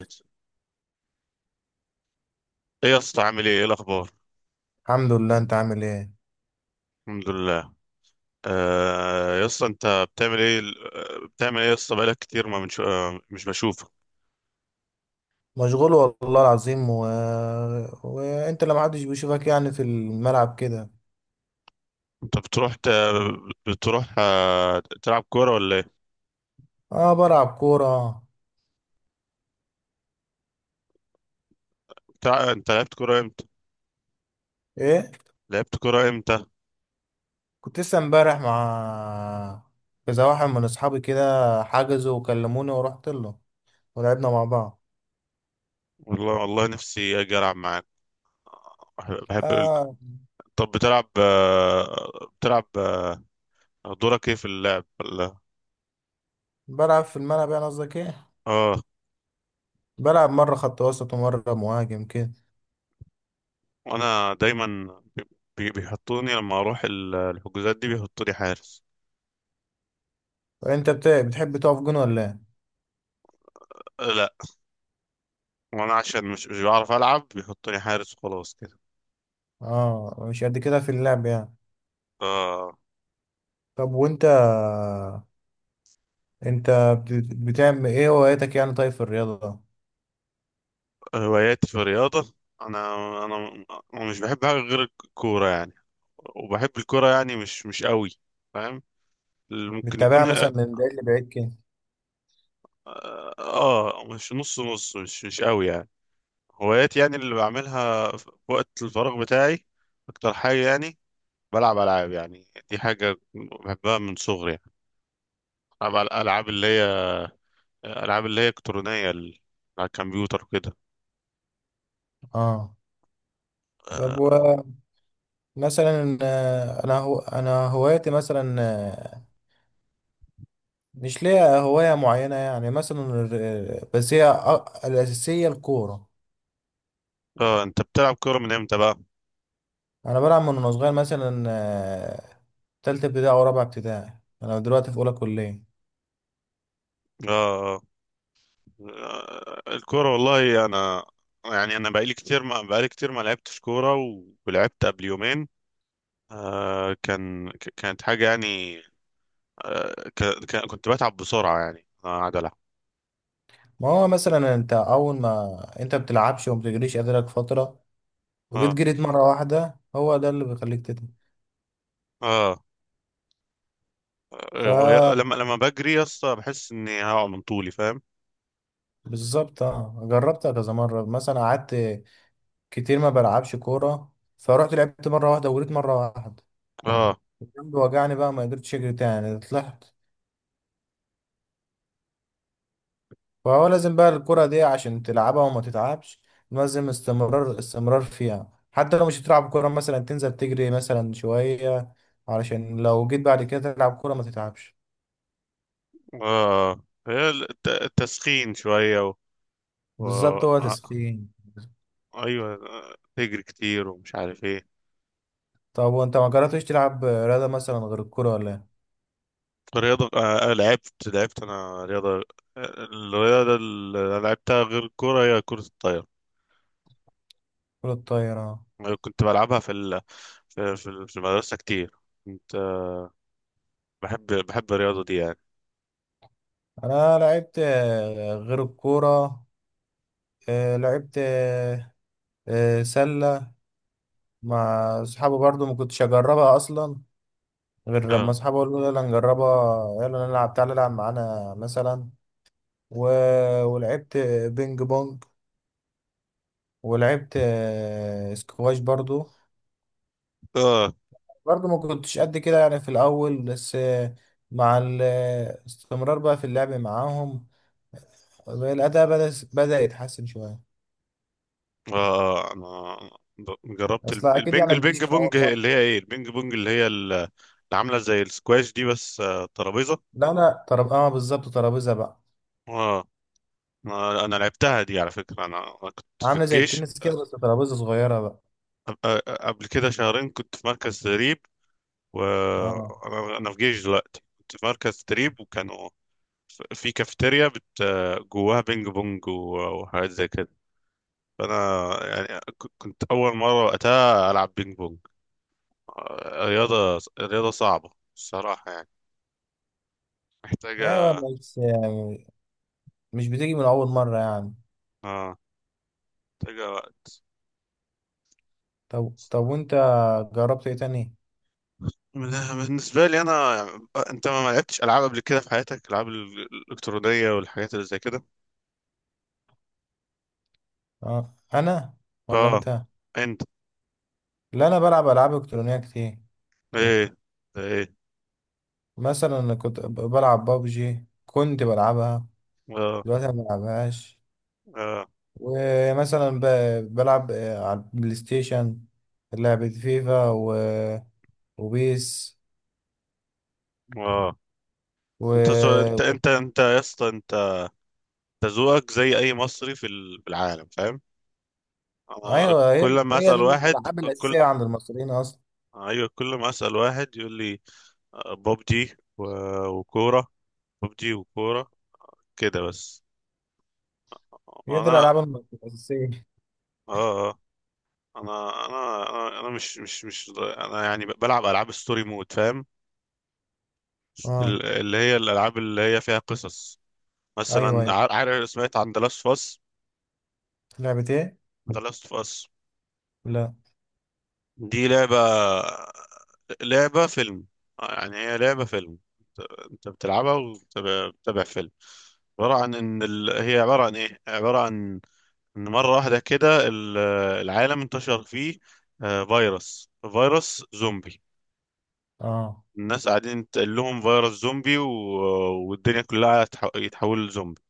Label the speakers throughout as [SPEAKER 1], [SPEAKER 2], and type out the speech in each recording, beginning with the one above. [SPEAKER 1] ايه. يا اسطى، عامل ايه الاخبار؟
[SPEAKER 2] الحمد لله. انت عامل ايه؟
[SPEAKER 1] الحمد لله. آه، يا اسطى انت بتعمل ايه؟ بتعمل ايه يا اسطى؟ بقالك كتير ما منش... آه، مش بشوفك.
[SPEAKER 2] مشغول والله العظيم. وانت لما حدش بيشوفك يعني في الملعب كده؟
[SPEAKER 1] انت بتروح تلعب كوره ولا ايه؟
[SPEAKER 2] اه، بلعب كورة.
[SPEAKER 1] انت لعبت كوره امتى؟
[SPEAKER 2] ايه؟
[SPEAKER 1] لعبت كوره امتى؟
[SPEAKER 2] كنت لسه امبارح مع كذا واحد من اصحابي كده، حجزوا وكلموني ورحت له، ولعبنا مع بعض.
[SPEAKER 1] والله والله نفسي اجي العب معاك. بحب
[SPEAKER 2] اه،
[SPEAKER 1] طب بتلعب دورك ايه في اللعب ولا...
[SPEAKER 2] بلعب في الملعب. يعني قصدك ايه؟
[SPEAKER 1] اه.
[SPEAKER 2] بلعب مرة خط وسط ومرة مهاجم كده.
[SPEAKER 1] وانا دايما بي... بيحطوني لما اروح الحجوزات دي بيحطوني حارس.
[SPEAKER 2] انت بتحب تقف جون ولا ايه؟
[SPEAKER 1] لا. وانا عشان مش بعرف العب بيحطوني حارس وخلاص كده.
[SPEAKER 2] اه، مش قد كده في اللعب يعني.
[SPEAKER 1] آه.
[SPEAKER 2] طب وانت، انت بتعمل ايه هواياتك يعني، طيب في الرياضة؟
[SPEAKER 1] هواياتي في الرياضه. انا انا انا مش بحب حاجه غير الكوره يعني. وبحب الكوره يعني مش قوي. فاهم. اللي ممكن
[SPEAKER 2] بتتابعها مثلا من بعيد لبعيد كده؟
[SPEAKER 1] اه. مش نص نص، مش قوي يعني. هواياتي يعني اللي بعملها في وقت الفراغ بتاعي، اكتر حاجه يعني، بلعب العاب. يعني دي حاجه بحبها من صغري يعني. بلعب العاب اللي هي، الكترونيه، على الكمبيوتر وكده.
[SPEAKER 2] اه. طب،
[SPEAKER 1] آه،
[SPEAKER 2] ومثلا انا هواياتي مثلا، مش ليا هواية معينة يعني، مثلا بس هي الأساسية الكورة.
[SPEAKER 1] اه. انت بتلعب كورة من امتى بقى؟
[SPEAKER 2] انا بلعب من وانا صغير، مثلا، تالتة ابتدائي او رابعة ابتدائي. انا دلوقتي في اولى كلية.
[SPEAKER 1] اه. الكورة، والله انا يعني انا بقالي كتير ما لعبتش كورة، ولعبت قبل يومين. كانت حاجة يعني. كنت بتعب بسرعة يعني، انا قاعد العب.
[SPEAKER 2] ما هو مثلا، انت اول ما انت بتلعبش وما بتجريش قادرك فترة، وجيت
[SPEAKER 1] اه،
[SPEAKER 2] جريت مرة واحدة، هو ده اللي بيخليك تتعب.
[SPEAKER 1] اه.
[SPEAKER 2] ف
[SPEAKER 1] لما بجري يا اسطى بحس اني هقع من طولي، فاهم؟
[SPEAKER 2] بالظبط، اه جربتها كذا مرة. مثلا قعدت كتير ما بلعبش كورة، فرحت لعبت مرة واحدة وجريت مرة واحدة،
[SPEAKER 1] اه،
[SPEAKER 2] الجنب وجعني بقى، ما قدرتش اجري تاني، طلعت. فهو لازم بقى الكرة دي عشان تلعبها وما تتعبش، لازم استمرار استمرار فيها، حتى لو مش هتلعب كورة. مثلا تنزل تجري مثلا شوية، علشان لو جيت بعد كده تلعب كورة ما تتعبش.
[SPEAKER 1] اه. هي التسخين شوية و...
[SPEAKER 2] بالظبط، هو
[SPEAKER 1] آه،
[SPEAKER 2] تسخين.
[SPEAKER 1] ايوه. تجري كتير ومش عارف ايه.
[SPEAKER 2] طب وانت ما جربتش تلعب رياضة مثلا غير الكورة ولا ايه؟
[SPEAKER 1] رياضة. لعبت أنا رياضة. الرياضة اللي أنا لعبتها غير الكورة هي كرة الطايرة.
[SPEAKER 2] كرة الطايرة.
[SPEAKER 1] أنا كنت بلعبها في في المدرسة كتير. كنت آه، بحب الرياضة دي يعني.
[SPEAKER 2] انا لعبت غير الكورة، لعبت سلة مع صحابي. برضو ما كنتش اجربها اصلا، غير لما
[SPEAKER 1] اه،
[SPEAKER 2] اصحابي قالوا يلا نجربها، يلا نلعب، تعالى العب معانا مثلا. و... ولعبت بينج بونج. ولعبت سكواش برضو.
[SPEAKER 1] اه.
[SPEAKER 2] برضو ما كنتش قد كده يعني في الاول، بس، مع الاستمرار بقى في اللعب معاهم الاداء بدأ يتحسن شوية.
[SPEAKER 1] أنا جربت
[SPEAKER 2] اصلا اكيد يعني ما بتجيش
[SPEAKER 1] البينج
[SPEAKER 2] من اول
[SPEAKER 1] بونج
[SPEAKER 2] مرة.
[SPEAKER 1] اللي هي إيه، البينج بونج اللي هي اللي عاملة زي السكواش دي، بس ترابيزة.
[SPEAKER 2] لا، لا، طرب اه بالظبط، ترابيزة بقى.
[SPEAKER 1] اه. أنا لعبتها دي على فكرة. أنا كنت في
[SPEAKER 2] عامله زي
[SPEAKER 1] الجيش.
[SPEAKER 2] التنس كده، بس ترابيزه صغيره بقى.
[SPEAKER 1] قبل كده شهرين كنت في مركز تدريب.
[SPEAKER 2] اه،
[SPEAKER 1] وانا في جيش دلوقتي، كنت في مركز تدريب وكانوا في كافيتيريا جواها بينج بونج وحاجات زي كده. فانا يعني كنت اول مره وقتها العب بينج بونج. رياضه صعبه الصراحه يعني.
[SPEAKER 2] ايوه
[SPEAKER 1] محتاجه...
[SPEAKER 2] بس يعني مش بتيجي من اول مره يعني.
[SPEAKER 1] اه. محتاجه وقت.
[SPEAKER 2] طب طب، وانت جربت ايه تاني؟
[SPEAKER 1] من- بالنسبه لي انا يعني، انت ما لعبتش العاب قبل كده في حياتك؟ العاب الالكترونيه والحاجات اللي زي كده.
[SPEAKER 2] اه انا. ولا
[SPEAKER 1] اه.
[SPEAKER 2] انت؟
[SPEAKER 1] انت.
[SPEAKER 2] لا، انا بلعب العاب الكترونيه كتير.
[SPEAKER 1] ايه؟ ايه؟
[SPEAKER 2] مثلا أنا كنت بلعب بابجي، كنت بلعبها.
[SPEAKER 1] اه،
[SPEAKER 2] دلوقتي ما بلعبهاش.
[SPEAKER 1] اه،
[SPEAKER 2] ومثلا بلعب على البلاي ستيشن لعبة فيفا وبيس
[SPEAKER 1] اه.
[SPEAKER 2] و...
[SPEAKER 1] انت سو... انت انت انت يا اسطى، انت ذوقك زي اي مصري في العالم، فاهم. انا
[SPEAKER 2] ايوه، هي
[SPEAKER 1] كل ما
[SPEAKER 2] هي
[SPEAKER 1] اسال
[SPEAKER 2] دي
[SPEAKER 1] واحد
[SPEAKER 2] الالعاب
[SPEAKER 1] كل
[SPEAKER 2] الاساسيه عند المصريين اصلا.
[SPEAKER 1] ايوه، كل ما اسال واحد يقول لي ببجي وكوره. ببجي وكوره، كده بس.
[SPEAKER 2] هي دي
[SPEAKER 1] انا.
[SPEAKER 2] الألعاب الأساسية.
[SPEAKER 1] اه، اه. انا مش انا يعني، بلعب العاب ستوري مود، فاهم.
[SPEAKER 2] اه،
[SPEAKER 1] اللي هي الالعاب اللي هي فيها قصص.
[SPEAKER 2] أيوه
[SPEAKER 1] مثلا
[SPEAKER 2] أيوه،
[SPEAKER 1] عارف سمعت عن ذا لاست اوف اس.
[SPEAKER 2] لعبة إيه؟
[SPEAKER 1] ذا لاست اوف اس،
[SPEAKER 2] لا.
[SPEAKER 1] دي لعبة فيلم. يعني هي لعبة فيلم. انت بتلعبها وبتتابع فيلم. عبارة عن ان ال... هي عبارة عن ان مرة واحدة كده العالم انتشر فيه فيروس زومبي.
[SPEAKER 2] اه،
[SPEAKER 1] الناس قاعدين تقول لهم فيروس زومبي والدنيا كلها يتحول لزومبي.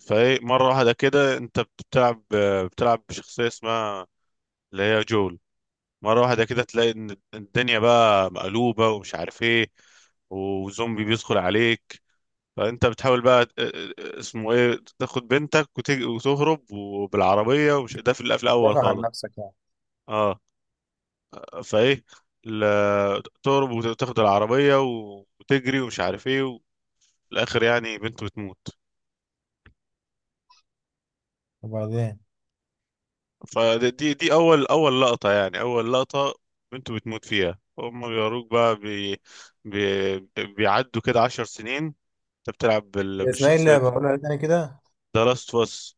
[SPEAKER 1] فايه مرة واحدة كده انت بتلعب، بشخصية اسمها اللي هي جول. مرة واحدة كده تلاقي إن الدنيا بقى مقلوبة ومش عارف إيه، وزومبي بيدخل عليك. فأنت بتحاول بقى اسمه إيه، تاخد بنتك وتهرب وبالعربية ومش، ده في القفل الأول
[SPEAKER 2] دافع عن
[SPEAKER 1] خالص.
[SPEAKER 2] نفسك يعني.
[SPEAKER 1] أه. فإيه، تهرب وتاخد العربية وتجري ومش عارف إيه، وفي الآخر يعني بنته بتموت.
[SPEAKER 2] وبعدين
[SPEAKER 1] فدي دي دي أول لقطة، يعني أول لقطة بنته بتموت فيها. هما بيوروك بقى بي بيعدوا كده 10 سنين. انت بتلعب
[SPEAKER 2] هي اسمها إيه
[SPEAKER 1] بالشخصيات
[SPEAKER 2] اللعبة؟
[SPEAKER 1] دي.
[SPEAKER 2] قولها تاني كده.
[SPEAKER 1] ذا لاست اوف اس.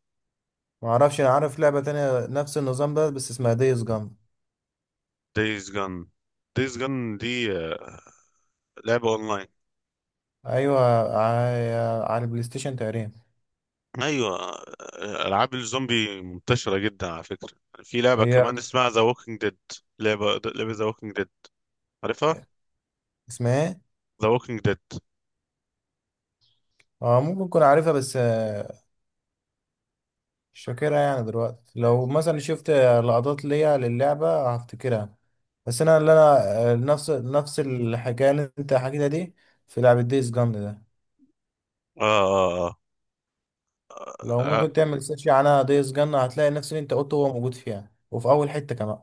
[SPEAKER 2] معرفش، أنا عارف لعبة تانية نفس النظام ده بس اسمها دايس جام.
[SPEAKER 1] دايز جان. دايز جان دي لعبة اونلاين.
[SPEAKER 2] أيوه، على البلاي ستيشن تقريبا.
[SPEAKER 1] ايوه. العاب الزومبي منتشرة جدا على فكرة. في لعبة
[SPEAKER 2] هي
[SPEAKER 1] كمان اسمها ذا ووكينج ديد. لعبة ذا ووكينج ديد، عارفها؟
[SPEAKER 2] اسمها إيه؟
[SPEAKER 1] ذا ووكينج ديد.
[SPEAKER 2] اه، ممكن أكون عارفها بس، مش فاكرها يعني دلوقتي. لو مثلا شفت لقطات ليا للعبة هفتكرها. بس أنا، اللي أنا آه، نفس الحكاية اللي أنت حكيتها دي، في لعبة دايس جام ده.
[SPEAKER 1] آه آه
[SPEAKER 2] لو
[SPEAKER 1] آه,
[SPEAKER 2] ممكن تعمل سيرش عنها، ديس جنة، هتلاقي نفس اللي انت قلته هو موجود فيها، وفي اول حتة كمان.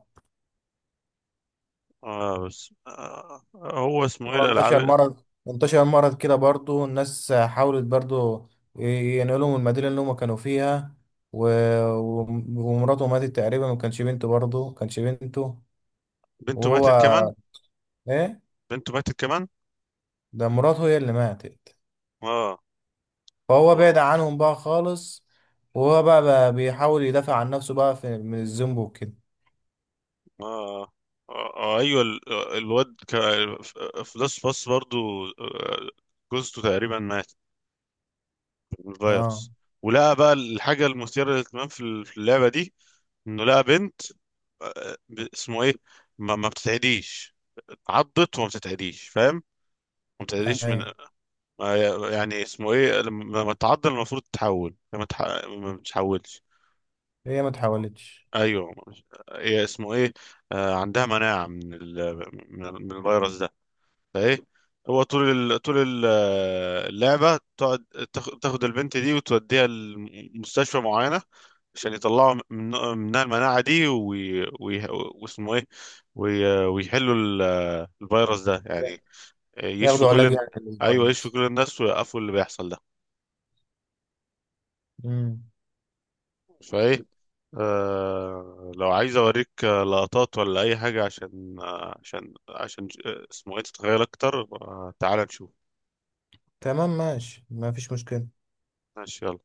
[SPEAKER 1] بس هو اسمه ايه
[SPEAKER 2] هو انتشر
[SPEAKER 1] الالعاب.
[SPEAKER 2] مرض انتشر مرض كده، برضو الناس حاولت برضو ينقلوا من المدينة اللي هم كانوا فيها. و... ومراته ماتت تقريبا، ما كانش بنته، برضو ما كانش بنته.
[SPEAKER 1] بنته ماتت كمان.
[SPEAKER 2] وهو، ايه
[SPEAKER 1] بنته ماتت كمان.
[SPEAKER 2] ده، مراته هي اللي ماتت.
[SPEAKER 1] اه.
[SPEAKER 2] فهو بعد
[SPEAKER 1] آه،
[SPEAKER 2] عنهم بقى خالص. وهو بقى بيحاول يدافع عن نفسه بقى من الذنب وكده.
[SPEAKER 1] آه. ايوه، الواد في لاست باس برضو. جوزته تقريبا ماتت من
[SPEAKER 2] اه،
[SPEAKER 1] الفيروس. ولقى بقى الحاجة المثيرة للاهتمام في اللعبة دي انه لقى بنت، اسمه ايه، ما بتتعديش. اتعضت وما بتتعديش، فاهم. ما بتتعديش من...
[SPEAKER 2] ايوه،
[SPEAKER 1] يعني اسمه ايه، لما تتعض المفروض تتحول ما بتتحولش.
[SPEAKER 2] هي ما تحاولتش.
[SPEAKER 1] ايوه. هي اسمه ايه، عندها مناعة من من الفيروس ده. فايه، هو طول اللعبه تقعد تاخد البنت دي وتوديها لمستشفى معينه عشان يطلعوا منها المناعه دي واسمه ايه، ويحلوا الفيروس ده يعني. يشفوا
[SPEAKER 2] ياخدوا علاج
[SPEAKER 1] كل...
[SPEAKER 2] يعني
[SPEAKER 1] ايوه، يشفوا
[SPEAKER 2] الاسبايس.
[SPEAKER 1] كل الناس ويوقفوا اللي بيحصل ده.
[SPEAKER 2] امم.
[SPEAKER 1] فايه، لو عايز اوريك لقطات ولا اي حاجه عشان اسمه ايه تتخيل اكتر. تعال نشوف.
[SPEAKER 2] تمام ماشي، ما فيش مشكلة.
[SPEAKER 1] ماشي، يلا.